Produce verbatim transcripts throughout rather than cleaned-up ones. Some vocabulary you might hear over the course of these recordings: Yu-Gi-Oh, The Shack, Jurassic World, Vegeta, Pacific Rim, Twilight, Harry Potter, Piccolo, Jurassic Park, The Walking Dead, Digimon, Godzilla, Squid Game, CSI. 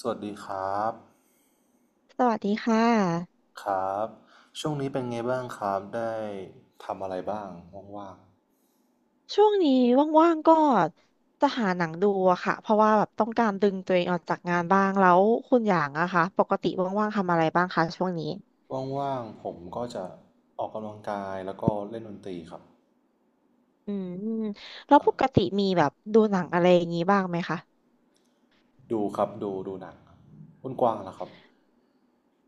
สวัสดีครับสวัสดีค่ะครับช่วงนี้เป็นไงบ้างครับ ได้ทำอะไรบ้างว่างช่วงนี้ว่างๆก็จะหาหนังดูอะค่ะเพราะว่าแบบต้องการดึงตัวเองออกจากงานบ้างแล้วคุณอย่างอะคะปกติว่างๆทำอะไรบ้างคะช่วงนี้ๆว่างๆ ผมก็จะออกกำลังกายแล้วก็เล่นดนตรีครับอืมแล้วครัปบ กติมีแบบดูหนังอะไรอย่างนี้บ้างไหมคะดูครับดูดูหนังครับคุณกว้างล่ะครับ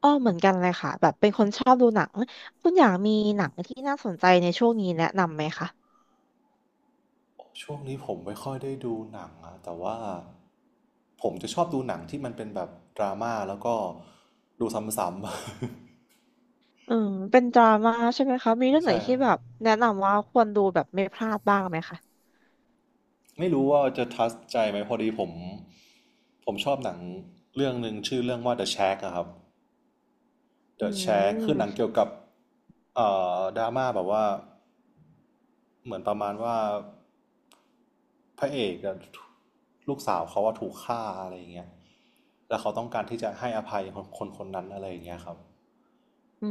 อ้อเหมือนกันเลยค่ะแบบเป็นคนชอบดูหนังคุณอย่างมีหนังที่น่าสนใจในช่วงนี้แนะนำไหมคะช่วงนี้ผมไม่ค่อยได้ดูหนังอะแต่ว่าผมจะชอบดูหนังที่มันเป็นแบบดราม่าแล้วก็ดูซ้ำๆ อืมเป็นดราม่าใช่ไหมคะมีเรื่อ งไหนใช่ครัที่บแบบแนะนำว่าควรดูแบบไม่พลาดบ้างไหมคะไม่รู้ว่าจะทัชใจไหมพอดีผมผมชอบหนังเรื่องหนึ่งชื่อเรื่องว่า The Shack อะครับ เดอือะแชร์คือหนังมเกี่ยวกับเอ่อดราม่าแบบว่า เหมือนประมาณว่าพระเอกอะลูกสาวเขาว่าถูกฆ่าอะไรอย่างเงี้ยแล้วเขาต้องการที่จะให้อภัยคนคนคนนั้นอะไรอย่างเงี้ยครับอื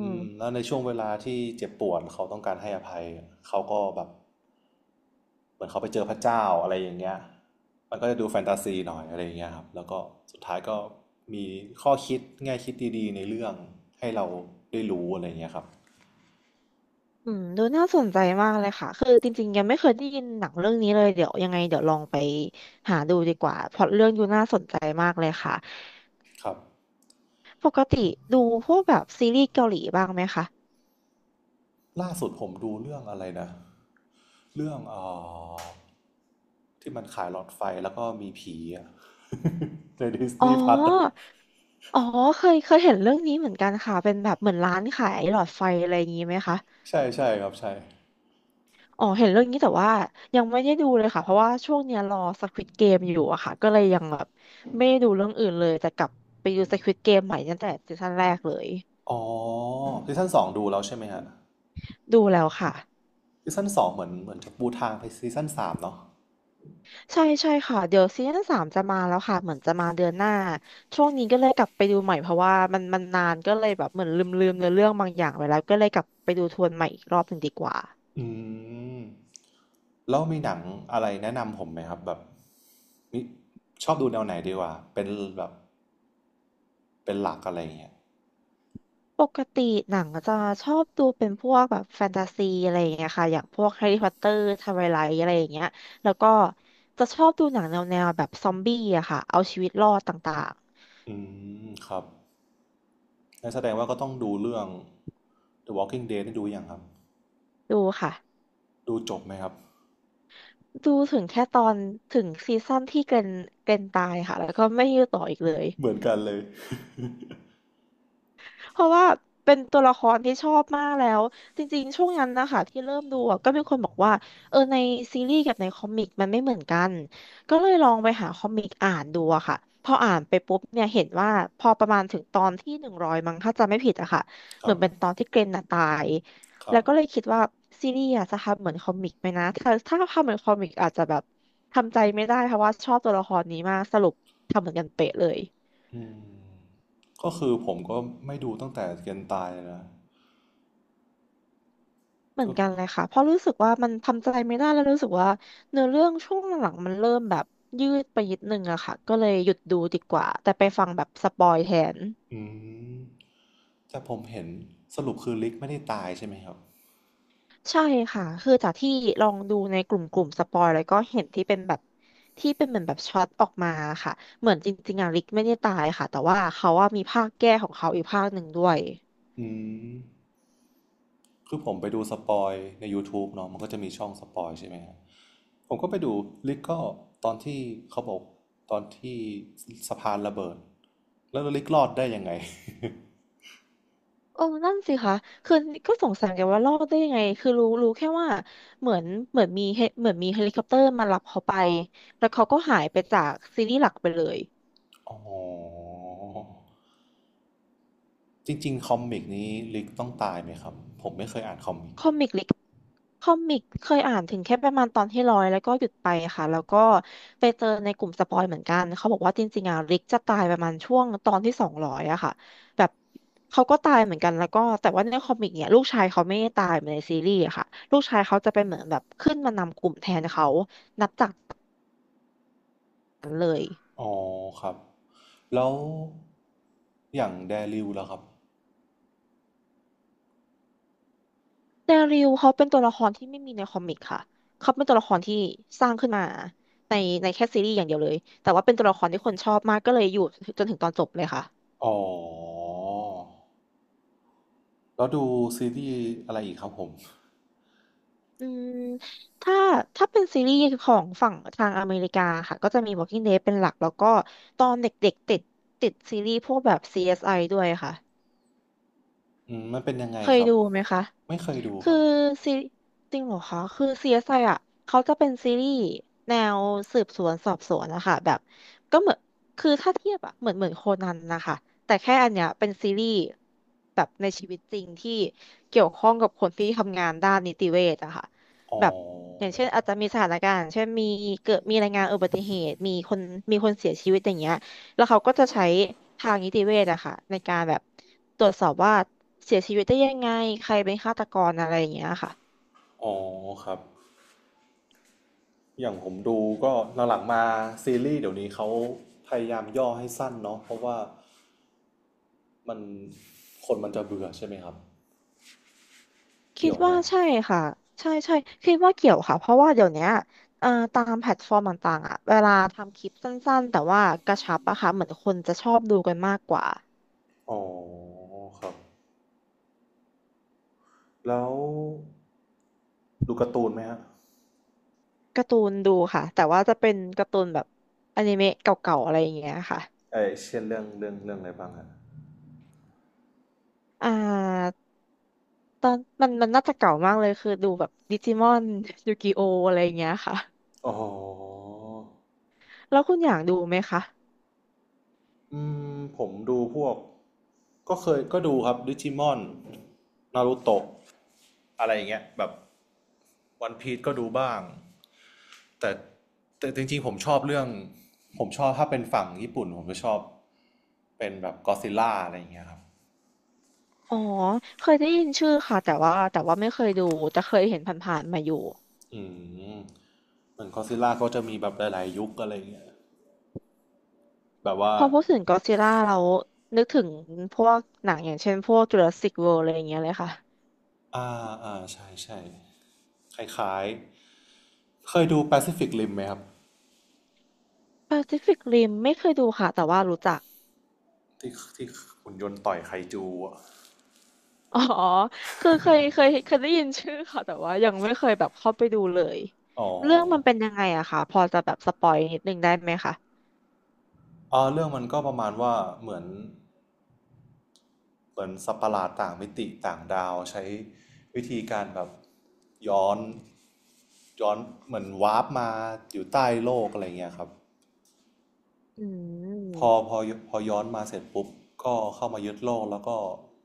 อืมแล้วในช่วงเวลาที่เจ็บปวดเขาต้องการให้อภัย เขาก็แบบเหมือนเขาไปเจอพระเจ้าอะไรอย่างเงี้ยมันก็จะดูแฟนตาซีหน่อยอะไรอย่างเงี้ยครับแล้วก็สุดท้ายก็มีข้อคิดแง่คิดดีๆในเรื่องให้เราได้รู้อะไรอย่างเงี้ยครับ อืมดูน่าสนใจมากเลยค่ะคือจริงๆยังไม่เคยได้ยินหนังเรื่องนี้เลยเดี๋ยวยังไงเดี๋ยวลองไปหาดูดีกว่าเพราะเรื่องดูน่าสนใจมากเลยค่ะครับปกติดูพวกแบบซีรีส์เกาหลีบ้างไหมคะล่าสุดผมดูเรื่องอะไรนะเรื่องเอ่อที่มันขายหลอดไฟแล้วก็มีผีอะ ในดิสอ๋อนีย์พัทอ๋อเคยเคยเห็นเรื่องนี้เหมือนกันค่ะเป็นแบบเหมือนร้านขายหลอดไฟอะไรอย่างนี้ไหมคะใช่ใช่ครับใช่อ๋อเห็นเรื่องนี้แต่ว่ายังไม่ได้ดูเลยค่ะเพราะว่าช่วงเนี้ยรอ Squid Game อยู่อะค่ะก็เลยยังแบบไม่ได้ดูเรื่องอื่นเลยแต่กลับไปดู Squid Game ใหม่ตั้งแต่ซีซั่นแรกเลยอ๋อซีซั่นสองดูแล้วใช่ไหมฮะดูแล้วค่ะ ซีซั่นสองเหมือนเหมือนจะปูทางไปซีซั่นสามเนาะใช่ใช่ค่ะเดี๋ยวซีซั่นสามจะมาแล้วค่ะเหมือนจะมาเดือนหน้าช่วงนี้ก็เลยกลับไปดูใหม่เพราะว่ามันมันนานก็เลยแบบเหมือนลืมลืมเนื้อเรื่องบางอย่างไปแล้วก็เลยกลับไปดูทวนใหม่อีกรอบหนึ่งดีกว่าอืมแล้วมีหนังอะไรแนะนำผมไหมครับแบบนี่ชอบดูแนวไหนดีกว่าเป็นแบบเป็นหลักอะไรอย่างเงี้ยปกติหนังจะชอบดูเป็นพวกแบบแฟนตาซีอะไรอย่างเงี้ยค่ะอย่างพวกแฮร์รี่พอตเตอร์ทไวไลท์อะไรอย่างเงี้ยแล้วก็จะชอบดูหนังแนวแนวแบบซอมบี้อะค่ะเอาชีวิตรอดต่างอืมครับ งันแสดงว่าก็ต้องดูเรื่อง The Walking Dead นี่ดูยังครับ ๆดูค่ะดูจบไหมครับ ดูถึงแค่ตอนถึงซีซั่นที่เกรนเกรนตายค่ะแล้วก็ไม่ยืดต่ออีกเลย เหมือนกันเลย เพราะว่าเป็นตัวละครที่ชอบมากแล้วจริงๆ ช่วงนั้นนะคะที่เริ่มดูอะก็มีคนบอกว่าเออในซีรีส์กับในคอมิกมันไม่เหมือนกันก็เลยลองไปหาคอมิกอ่านดูอะค่ะพออ่านไปปุ๊บเนี่ยเห็นว่าพอประมาณถึงตอนที่หนึ่งร้อยมั้งถ้าจำไม่ผิดอะค่ะคเหรัมือบ นเป็นตอนที่เกรนน่ะตายครัแล้บวก็เลยคิดว่าซีรีส์อะจะทำเหมือนคอมิกไหมนะถ้าถ้าทำเหมือนคอมิกอาจจะแบบทำใจไม่ได้เพราะว่าชอบตัวละครนี้มากสรุปทำเหมือนกันเป๊ะเลย อืมก็คือผมก็ไม่ดูตั้งแต่เกนตายนะเหมือก็นกันเลยค่ะเพราะรู้สึกว่ามันทำใจไม่ได้แล้วรู้สึกว่าเนื้อเรื่องช่วงหลังๆมันเริ่มแบบยืดไปนิดนึงอะค่ะก็เลยหยุดดูดีกว่าแต่ไปฟังแบบสปอยแทนอืมแต่ผมเห็นสรุปคือลิกไม่ได้ตายใช่ไหมครับใช่ค่ะคือจากที่ลองดูในกลุ่มกลุ่มสปอยแล้วก็เห็นที่เป็นแบบที่เป็นเหมือนแบบช็อตออกมาค่ะเหมือนจริงๆอะลิกไม่ได้ตายค่ะแต่ว่าเขาว่ามีภาคแก้ของเขาอีกภาคหนึ่งด้วย อืมคือผมไปดูสปอยใน YouTube เนาะมันก็จะมีช่องสปอยใช่ไหมฮะผมก็ไปดูลิกก็ตอนที่เขาบอกตอนที่สะพานระเบิดแล้วลิกรอดได้ยังไง เออนั่นสิคะคือก็สงสัยกันว่ารอดได้ยังไงคือรู้รู้แค่ว่าเหมือนเหมือนมีเฮเหมือนมีเฮลิคอปเตอร์มารับเขาไปแล้วเขาก็หายไปจากซีรีส์หลักไปเลย อ๋อจริงๆคอมิกนี้ลิกต้องตายไหมครับผมไม่เคยอ่านคอมิกคอมิกลิกคอมิกเคยอ่านถึงแค่ประมาณตอนที่ร้อยแล้วก็หยุดไปค่ะแล้วก็ไปเจอในกลุ่มสปอยเหมือนกันเขาบอกว่าจริงๆอ่ะลิกจะตายประมาณช่วงตอนที่สองร้อยอะค่ะแบบเขาก็ตายเหมือนกันแล้วก็แต่ว่าในคอมิกเนี่ยลูกชายเขาไม่ได้ตายเหมือนในซีรีส์อะค่ะลูกชายเขาจะเป็นเหมือนแบบขึ้นมานำกลุ่มแทนเขานับจากนั้นเลย อ๋อครับแล้วอย่างแดริวแล้วครับเดริลเขาเป็นตัวละครที่ไม่มีในคอมิกค่ะ เขาเป็นตัวละครที่สร้างขึ้นมาในในแค่ซีรีส์อย่างเดียวเลย แต่ว่าเป็นตัวละครที่คนชอบมากก็เลยอยู่จนถึงตอนจบเลยค่ะอ๋อแล้วดูซีรีส์อะไรอีกครับผมอืมถ้าถ้าเป็นซีรีส์ของฝั่งทางอเมริกาค่ะ ก็จะมี Walking Dead เป็นหลักแล้วก็ตอนเด็กๆติดติดซีรีส์พวกแบบ ซี เอส ไอ ด้วยค่ะ อืมมันเป็นยังไงเคยครับดูไหมคะ ไม่เคยดูคคือรับซีจริงเหรอคะคือ ซี เอส ไอ อสไออ่ะเขาจะเป็นซีรีส์แนวสืบสวนสอบสวนนะคะแบบก็เหมือนคือถ้าเทียบอะเหมือนเหมือนโคนันนะคะ แต่แค่อันเนี้ยเป็นซีรีส์แบบในชีวิตจริงที่เกี่ยวข้องกับคนที่ทำงานด้านนิติเวชอะค่ะอ๋อแบบอย่างเช่นอาจจะมีสถานการณ์เช่นมีเกิดมีรายงานอุบัติเหตุมีคนมีคนเสียชีวิตอย่างเงี้ย แล้วเขาก็จะใช้ทางนิติเวชอะค่ะในการแบบตรวจสอบว่าเสียชีวิตได้ยังไงใครเป็นฆาตกรอะไรอย่างเงี้ยค่ะอ๋อครับอย่างผมดูก็หลังๆมาซีรีส์เดี๋ยวนี้เขาพยายามย่อให้สั้นเนาะเพราะว่ามันคนมันจะเบื่อใช่ไหมครับคิเกี่ดยวไหม ว่าใช่ค่ะใช่ใช่คิดว่าเกี่ยวค่ะเพราะว่าเดี๋ยวเนี้ยเอ่อตามแพลตฟอร์มต่างๆอะเวลาทำคลิปสั้นๆแต่ว่ากระชับอะค่ะเหมือนคนจะชอบดูกันมากกว่าอ๋อครับแล้วดูการ์ตูนไหมฮะการ์ตูนดูค่ะแต่ว่าจะเป็นการ์ตูนแบบอนิเมะเก่าๆอะไรอย่างเงี้ยค่ะเอเช่นเรื่องเรื่องเรื่องอะไรบ้างฮะอ่าตอนมันมันน่าจะเก่ามากเลยคือดูแบบดิจิมอนยูกิโออะไรอย่างเงี้ยค่ะ อ๋อแล้วคุณอยากดูไหมคะ อืมผมดูพวกก็เคยก็ดูครับดิจิมอนนารูโตะอะไรอย่างเงี้ยแบบวันพี e ก็ดูบ้างแต่แต่จริงๆผมชอบเรื่องผมชอบถ้าเป็นฝั่งญี่ปุ่นผมจะชอบเป็นแบบก็ซิลล่าอะไรอย่างเงี้ยครับอ๋อ เคยได้ยินชื่อค่ะแต่ว่าแต่ว่าไม่เคยดูแต่เคยเห็นผ่านๆมาอยู่อืมเหมือนก็ซิลล่าก็จะมีแบบหลายๆยุคอะไรอย่างเงี้ยแบบว่า พอพูดถึงก็อดซิลล่าเรานึกถึงพวกหนังอย่างเช่นพวกจูราสสิกเวิลด์อะไรอย่างเงี้ยเลยค่ะ อ่าอ่าใช่ใช่คล้ายๆเคยดู Pacific Rim ไหมครับ แปซิฟิค ริม ไม่เคยดูค่ะแต่ว่ารู้จัก ที่ที่หุ่นยนต์ต่อยไคจูอะ อ๋อคือเคยเคยเคยได้ยินชื่อค่ะแต่ว่ายังไม่เคยแบบเข้าไปดูเลยอ๋อเรื่องมันเป็นยังไงอะค่ะพอจะแบบสปอยนิดนึงได้ไหมคะอ่าเรื่องมันก็ประมาณว่าเหมือนเหมือนสัตว์ประหลาดต่างมิติต่างดาวใช้วิธีการแบบย้อนย้อนเหมือนวาร์ปมาอยู่ใต้โลกอะไรเงี้ยครับ อืพอมพอพอย้อนมาเสร็จปุ๊บก็เข้ามายึดโลกแล้วก็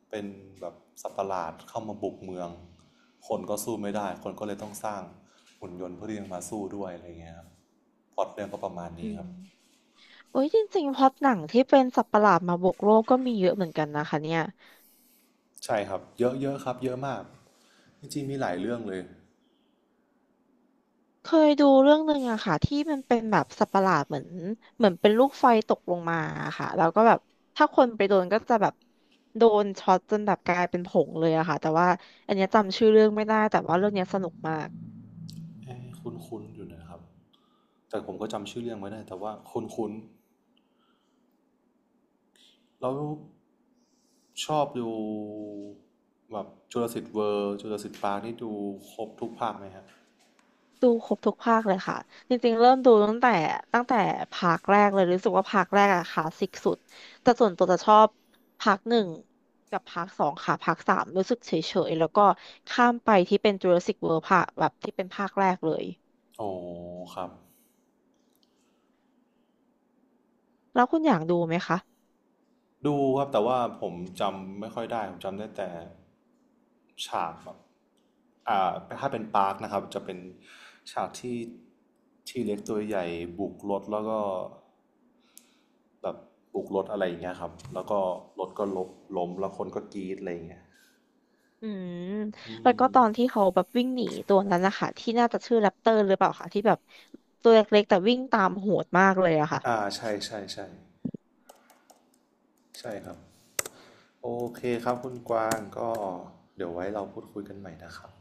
เป็นแบบสัตว์ประหลาดเข้ามาบุกเมืองคนก็สู้ไม่ได้คนก็เลยต้องสร้างหุ่นยนต์เพื่อที่จะมาสู้ด้วยอะไรเงี้ยครับพล็อตเรื่องก็ประมาณนี้อืครัมบโอ้ยจริงๆพล็อตหนังที่เป็นสัตว์ประหลาดมาบุกโลกก็มีเยอะเหมือนกันนะคะเนี่ย ใช่ครับเยอะเยอะครับเยอะมากจริงๆมีหลายเรื่องเลยเคยดูเรื่องหนึ่งอะค่ะที่มันเป็นแบบสัตว์ประหลาดเหมือนเหมือนเป็นลูกไฟตกลงมาอะค่ะแล้วก็แบบถ้าคนไปโดนก็จะแบบโดนช็อตจนแบบกลายเป็นผงเลยอะค่ะแต่ว่าอันเนี้ยจำชื่อเรื่องไม่ได้แต่ว่าเรื่องเนี้ยสนุกมากคุ้นคุ้นๆอยู่นะครับแต่ผมก็จำชื่อเรื่องไม่ได้แต่ว่าคุ้นคุ้นๆแล้วชอบดูแบบจุลศิษย์เวอร์จุลศิษย์ปาร์คนี่ดูครบทุกภาคไหมฮะดูครบทุกภาคเลยค่ะจริงๆเริ่มดูตั้งแต่ตั้งแต่ภาคแรกเลยรู้สึกว่าภาคแรกอะค่ะสสิกสุดแต่ส่วนตัวจะชอบภาคหนึ่งกับภาคสองค่ะภาคสามรู้สึกเฉยๆแล้วก็ข้ามไปที่เป็น จูราสสิค เวิลด์ ภาคแบบที่เป็นภาคแรกเลย โอ้ครับ แล้วคุณอยากดูไหมคะ ดูครับแต่ว่าผมจำไม่ค่อยได้ผมจำได้แต่ฉากแบบอ่าถ้าเป็นปาร์คนะครับจะเป็นฉากที่ที่เล็กตัวใหญ่บุกรถแล้วก็แบบบุกรถอะไรอย่างเงี้ยครับแล้วก็รถก็ลบล้มแล้วคนก็กรี๊ดอะไรอย่างเงี้ยอืม อืแล้วก็มตอนที่เขาแบบวิ่งหนีตัวนั้นนะคะที่น่าจะชื่อแรปเตอร์หรือเปล่าคะที่แบบตัวเล็กๆแต่วิ่งตามโหดมากเลยอะค่ะ อ่าใช่ใช่ใช่ใช่ครับโอเคครับคุณกวางก็เดี๋ยวไว้เราพูดคุยกันใหม่นะครับ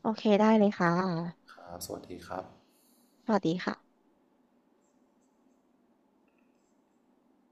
โอเคได้เลยค่ะ ครับสวัสดีครับสวัสดีค่ะ